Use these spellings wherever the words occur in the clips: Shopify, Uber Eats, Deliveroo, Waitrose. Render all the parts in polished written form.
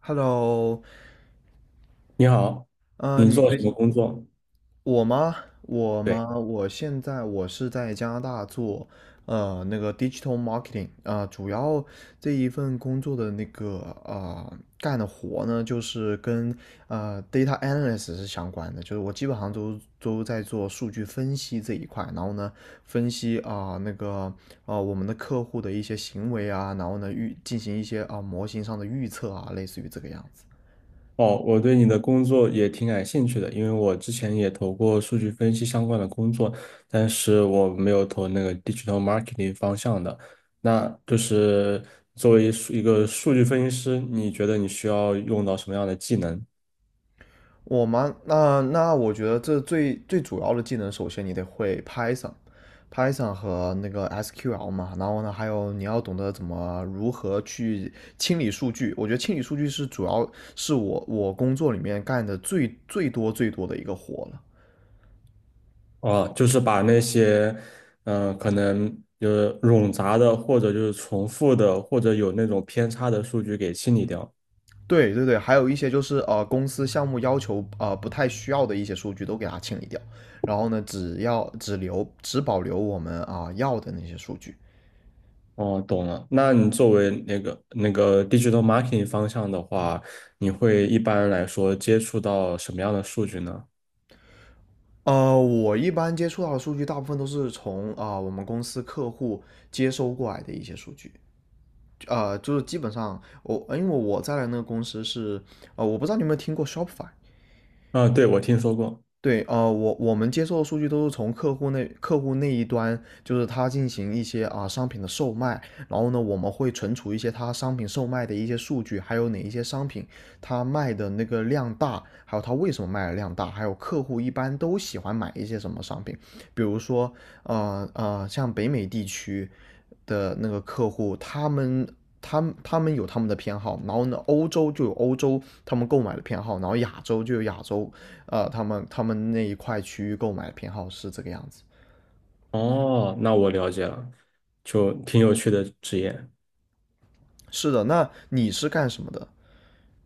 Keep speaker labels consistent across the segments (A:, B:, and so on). A: Hello，
B: 你好，
A: 呃，
B: 你
A: 你
B: 做什
A: 最
B: 么工作？
A: 我吗？我
B: 对。
A: 吗？我现在是在加拿大做那个 digital marketing 啊、主要这一份工作的那个干的活呢，就是跟data analyst 是相关的，就是我基本上都在做数据分析这一块，然后呢分析啊、那个啊、我们的客户的一些行为啊，然后呢进行一些啊、模型上的预测啊，类似于这个样子。
B: 哦，我对你的工作也挺感兴趣的，因为我之前也投过数据分析相关的工作，但是我没有投那个 digital marketing 方向的。那就是作为一个数据分析师，你觉得你需要用到什么样的技能？
A: 我吗？那我觉得这最最主要的技能，首先你得会 Python 和那个 SQL 嘛，然后呢，还有你要懂得如何去清理数据。我觉得清理数据是主要是我工作里面干的最最多最多的一个活了。
B: 哦，就是把那些，可能就是冗杂的，或者就是重复的，或者有那种偏差的数据给清理掉。
A: 对对对，还有一些就是公司项目要求不太需要的一些数据都给它清理掉，然后呢，只保留我们要的那些数据。
B: 哦，懂了。那你作为那个 digital marketing 方向的话，你会一般来说接触到什么样的数据呢？
A: 我一般接触到的数据，大部分都是从我们公司客户接收过来的一些数据。就是基本上我，因为我在的那个公司是，我不知道你有没有听过 Shopify。
B: 啊，对，我听说过。
A: 对，我们接受的数据都是从客户那一端，就是他进行一些啊、商品的售卖，然后呢，我们会存储一些他商品售卖的一些数据，还有哪一些商品他卖的那个量大，还有他为什么卖的量大，还有客户一般都喜欢买一些什么商品，比如说像北美地区的那个客户，他们。他们有他们的偏好，然后呢，欧洲就有欧洲他们购买的偏好，然后亚洲就有亚洲他们那一块区域购买偏好是这个样子。
B: 哦，那我了解了，就挺有趣的职业。
A: 是的，那你是干什么的？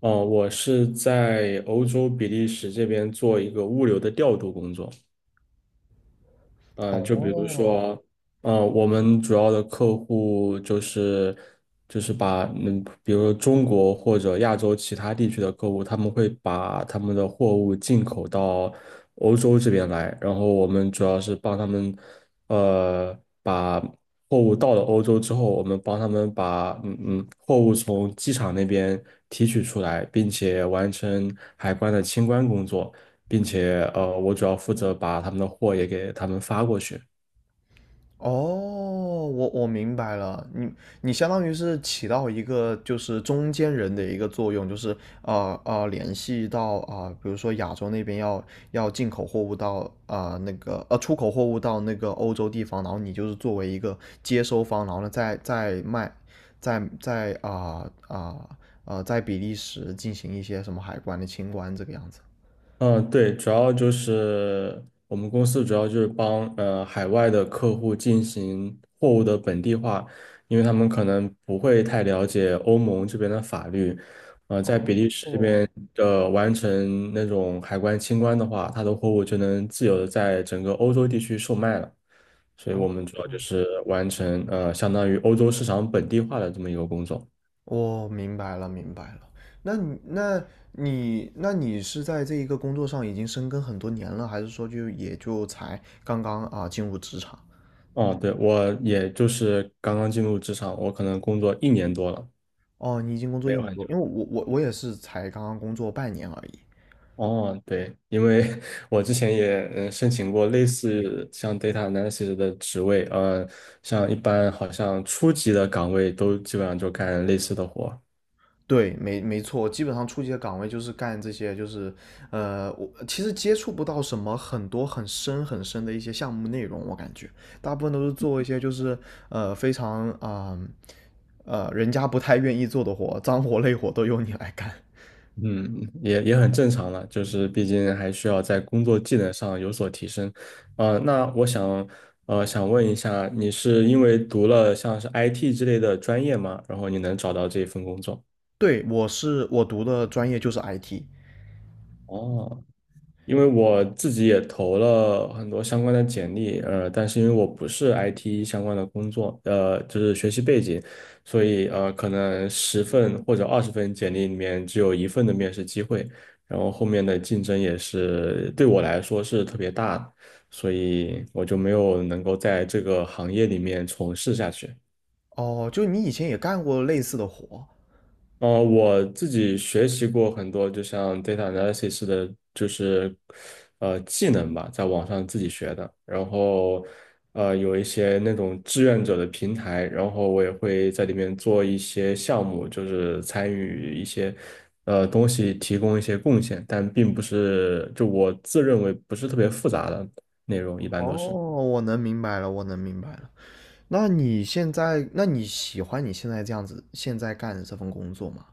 B: 哦，我是在欧洲比利时这边做一个物流的调度工作。嗯，就比如
A: 哦，
B: 说，嗯，我们主要的客户就是把比如说中国或者亚洲其他地区的客户，他们会把他们的货物进口到欧洲这边来，然后我们主要是帮他们，呃，把货物到了欧洲之后，我们帮他们把货物从机场那边提取出来，并且完成海关的清关工作。并且我主要负责把他们的货也给他们发过去。
A: 哦，我明白了，你相当于是起到一个就是中间人的一个作用，就是联系到比如说亚洲那边要进口货物到那个出口货物到那个欧洲地方，然后你就是作为一个接收方，然后呢再卖，再在比利时进行一些什么海关的清关这个样子。
B: 嗯，对，主要就是我们公司主要就是帮海外的客户进行货物的本地化，因为他们可能不会太了解欧盟这边的法律，在比
A: 哦，
B: 利时这
A: 哦，
B: 边的完成那种海关清关的话，他的货物就能自由的在整个欧洲地区售卖了，所以我们
A: 哦，
B: 主要就是完成相当于欧洲市场本地化的这么一个工作。
A: 我明白了，明白了。那你，那那你是在这一个工作上已经深耕很多年了，还是说就才刚刚啊进入职场？
B: 哦，对，我也就是刚刚进入职场，我可能工作一年多了。
A: 哦，你已经工作一年多，因为我也是才刚刚工作半年而已。
B: 哦，对，因为 我之前也申请过类似像 data analysis 的职位，像一般好像初级的岗位都基本上就干类似的活儿。
A: 对，没错，基本上初级的岗位就是干这些，就是我其实接触不到什么很多很深很深的一些项目内容，我感觉大部分都是做一些就是非常人家不太愿意做的活，脏活累活都由你来干。
B: 嗯，也也很正常了，就是毕竟还需要在工作技能上有所提升。那我想想问一下，你是因为读了像是 IT 之类的专业吗？然后你能找到这份工作？
A: 对，我读的专业就是 IT。
B: 哦，因为我自己也投了很多相关的简历，但是因为我不是 IT 相关的工作，就是学习背景，所以可能十份或者20份简历里面只有一份的面试机会，然后后面的竞争也是对我来说是特别大的，所以我就没有能够在这个行业里面从事下去。
A: 哦，就你以前也干过类似的活。
B: 我自己学习过很多，就像 data analysis 的，技能吧，在网上自己学的。然后有一些那种志愿者的平台，然后我也会在里面做一些项目，就是参与一些东西，提供一些贡献，但并不是就我自认为不是特别复杂的内容，一般
A: 哦，
B: 都是。
A: 我能明白了，我能明白了。那你喜欢你现在这样子，现在干的这份工作吗？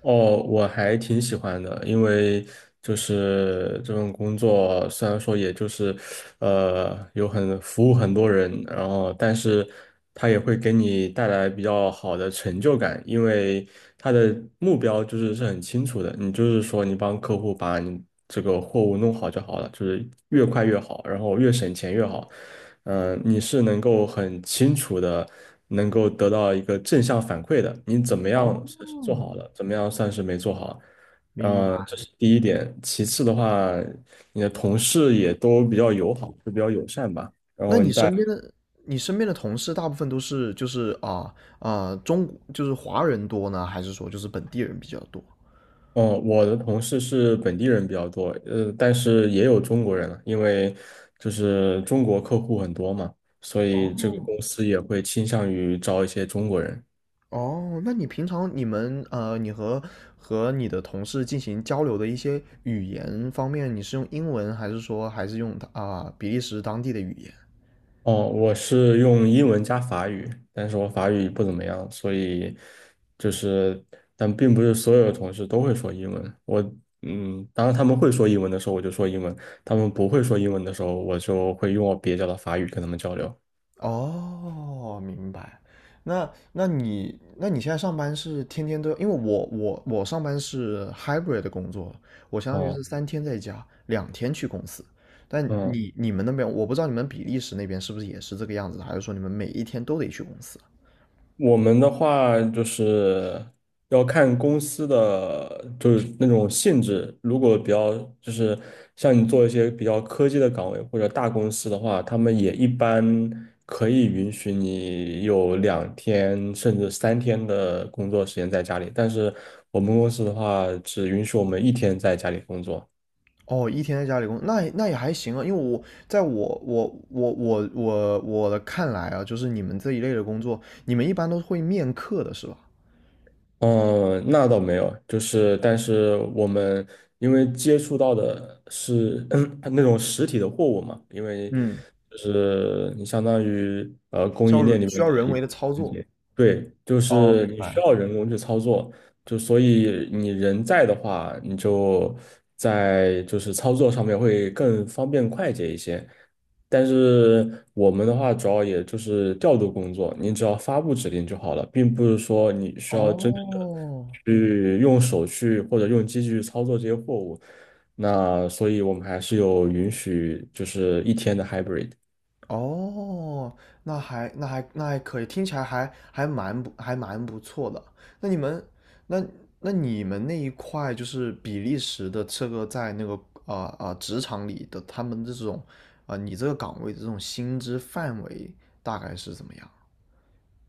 B: 哦，我还挺喜欢的，因为就是这份工作虽然说也就是，有很服务很多人，然后但是它也会给你带来比较好的成就感，因为它的目标是很清楚的，你就是说你帮客户把你这个货物弄好就好了，就是越快越好，然后越省钱越好。你是能够很清楚的，能够得到一个正向反馈的。你怎么样
A: 哦，
B: 算是做好了，怎么样算是没做好？
A: 明
B: 这
A: 白。
B: 是第一点。其次的话，你的同事也都比较友好，就比较友善吧。然
A: 那
B: 后
A: 你
B: 你再，
A: 身边的，你身边的同事大部分都是就是啊、中，就是华人多呢，还是说就是本地人比较多？
B: 嗯、我的同事是本地人比较多，但是也有中国人了，因为就是中国客户很多嘛，所以这
A: 哦。
B: 个公司也会倾向于招一些中国人。
A: 哦，那你平常你们你和你的同事进行交流的一些语言方面，你是用英文，还是说用啊、比利时当地的语言？
B: 哦，我是用英文加法语，但是我法语不怎么样，所以就是，但并不是所有的同事都会说英文。我，嗯，当他们会说英文的时候，我就说英文；他们不会说英文的时候，我就会用我蹩脚的法语跟他们交流。
A: 哦，明白。那你现在上班是天天都，因为我上班是 hybrid 的工作，我相当于
B: 哦，
A: 是3天在家，2天去公司。但
B: 嗯。
A: 你们那边，我不知道你们比利时那边是不是也是这个样子的，还是说你们每一天都得去公司？
B: 我们的话就是要看公司的，就是那种性质。如果比较就是像你做一些比较科技的岗位或者大公司的话，他们也一般可以允许你有2天甚至3天的工作时间在家里。但是我们公司的话，只允许我们一天在家里工作。
A: 哦，一天在家里那也还行啊，因为我在我的看来啊，就是你们这一类的工作，你们一般都会面客的是吧？
B: 嗯，那倒没有，就是但是我们因为接触到的是 那种实体的货物嘛，因为
A: 嗯，
B: 就是你相当于供
A: 需要
B: 应链里
A: 需
B: 面
A: 要
B: 的
A: 人
B: 一个
A: 为的操
B: 环
A: 作。
B: 节，对，就
A: 哦，
B: 是
A: 明
B: 你需
A: 白。
B: 要人工去操作，就所以你人在的话，你就在就是操作上面会更方便快捷一些。但是我们的话，主要也就是调度工作，你只要发布指令就好了，并不是说你需要真正的
A: 哦，
B: 去用手去或者用机器去操作这些货物。那所以，我们还是有允许，就是一天的 hybrid。
A: 哦，那还可以，听起来还蛮不错的。那你们那那你们那一块就是比利时的这个在那个职场里的他们这种你这个岗位的这种薪资范围大概是怎么样？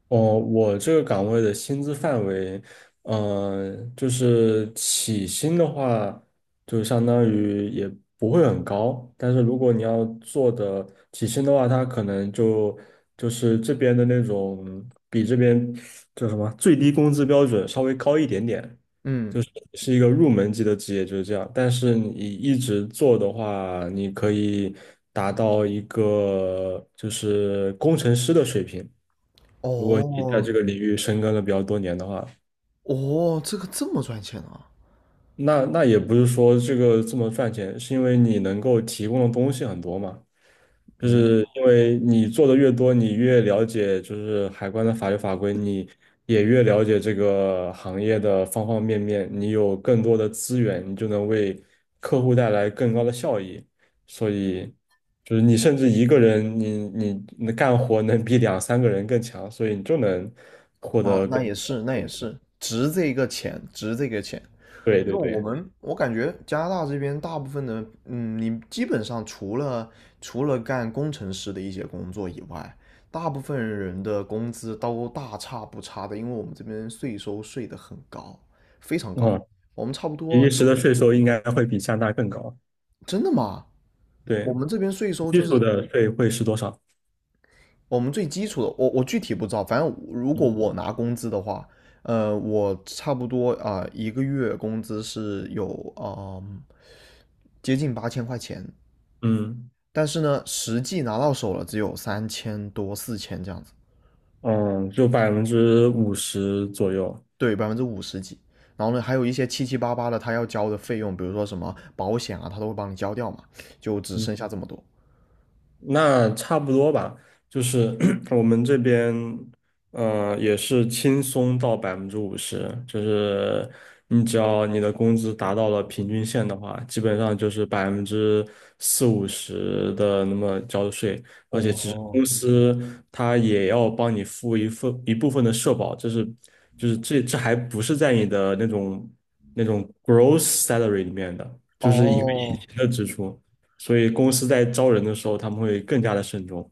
B: 哦，我这个岗位的薪资范围，就是起薪的话，就相当于也不会很高，但是如果你要做的起薪的话，它可能就就是这边的那种比这边叫什么最低工资标准稍微高一点点，
A: 嗯，
B: 是一个入门级的职业，就是这样。但是你一直做的话，你可以达到一个就是工程师的水平。如果你在这
A: 哦，
B: 个领域深耕了比较多年的话，
A: 哦，这个这么赚钱啊！
B: 那那也不是说这个这么赚钱，是因为你能够提供的东西很多嘛。就
A: 明白，
B: 是因为你做的越多，你越了解就是海关的法律法规，你也越了解这个行业的方方面面，你有更多的资源，你就能为客户带来更高的效益。所以，就是你甚至一个人，你干活能比两三个人更强，所以你就能获
A: 那
B: 得更
A: 那也是那也
B: 高。
A: 是值这个钱，值这个钱。
B: 对
A: 因
B: 对
A: 为我
B: 对，
A: 们，我感觉加拿大这边大部分的，你基本上除了干工程师的一些工作以外，大部分人的工资都大差不差的，因为我们这边税收税的很高，非常高。
B: 嗯，
A: 我们差不
B: 比
A: 多
B: 利时的
A: 有，
B: 税收应该会比加拿大更高。
A: 真的吗？
B: 对，
A: 我们这边税收
B: 基
A: 就
B: 础
A: 是
B: 的税会是多少？
A: 我们最基础的，我具体不知道，反正如果我拿工资的话，我差不多1个月工资是有接近8000块钱。
B: 嗯
A: 但是呢，实际拿到手了只有3000多、4000这样子，
B: 嗯，就百分之五十左右。
A: 对，50几%。然后呢，还有一些七七八八的他要交的费用，比如说什么保险啊，他都会帮你交掉嘛，就只
B: 嗯。
A: 剩下这么多。
B: 那差不多吧，就是 我们这边，也是轻松到百分之五十，就是你只要你的工资达到了平均线的话，基本上就是40%到50%的那么交的税，而且其实
A: 哦，
B: 公司它也要帮你付一份一部分的社保，这是就是这还不是在你的那种那种 gross salary 里面的，就是一个隐
A: 哦，
B: 形的支出。所以公司在招人的时候，他们会更加的慎重。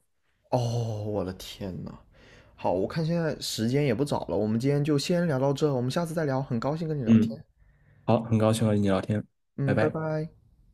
A: 哦！我的天呐，好，我看现在时间也不早了，我们今天就先聊到这，我们下次再聊。很高兴跟你聊
B: 嗯，
A: 天，
B: 好，很高兴和你聊天，拜
A: 嗯，拜
B: 拜。
A: 拜。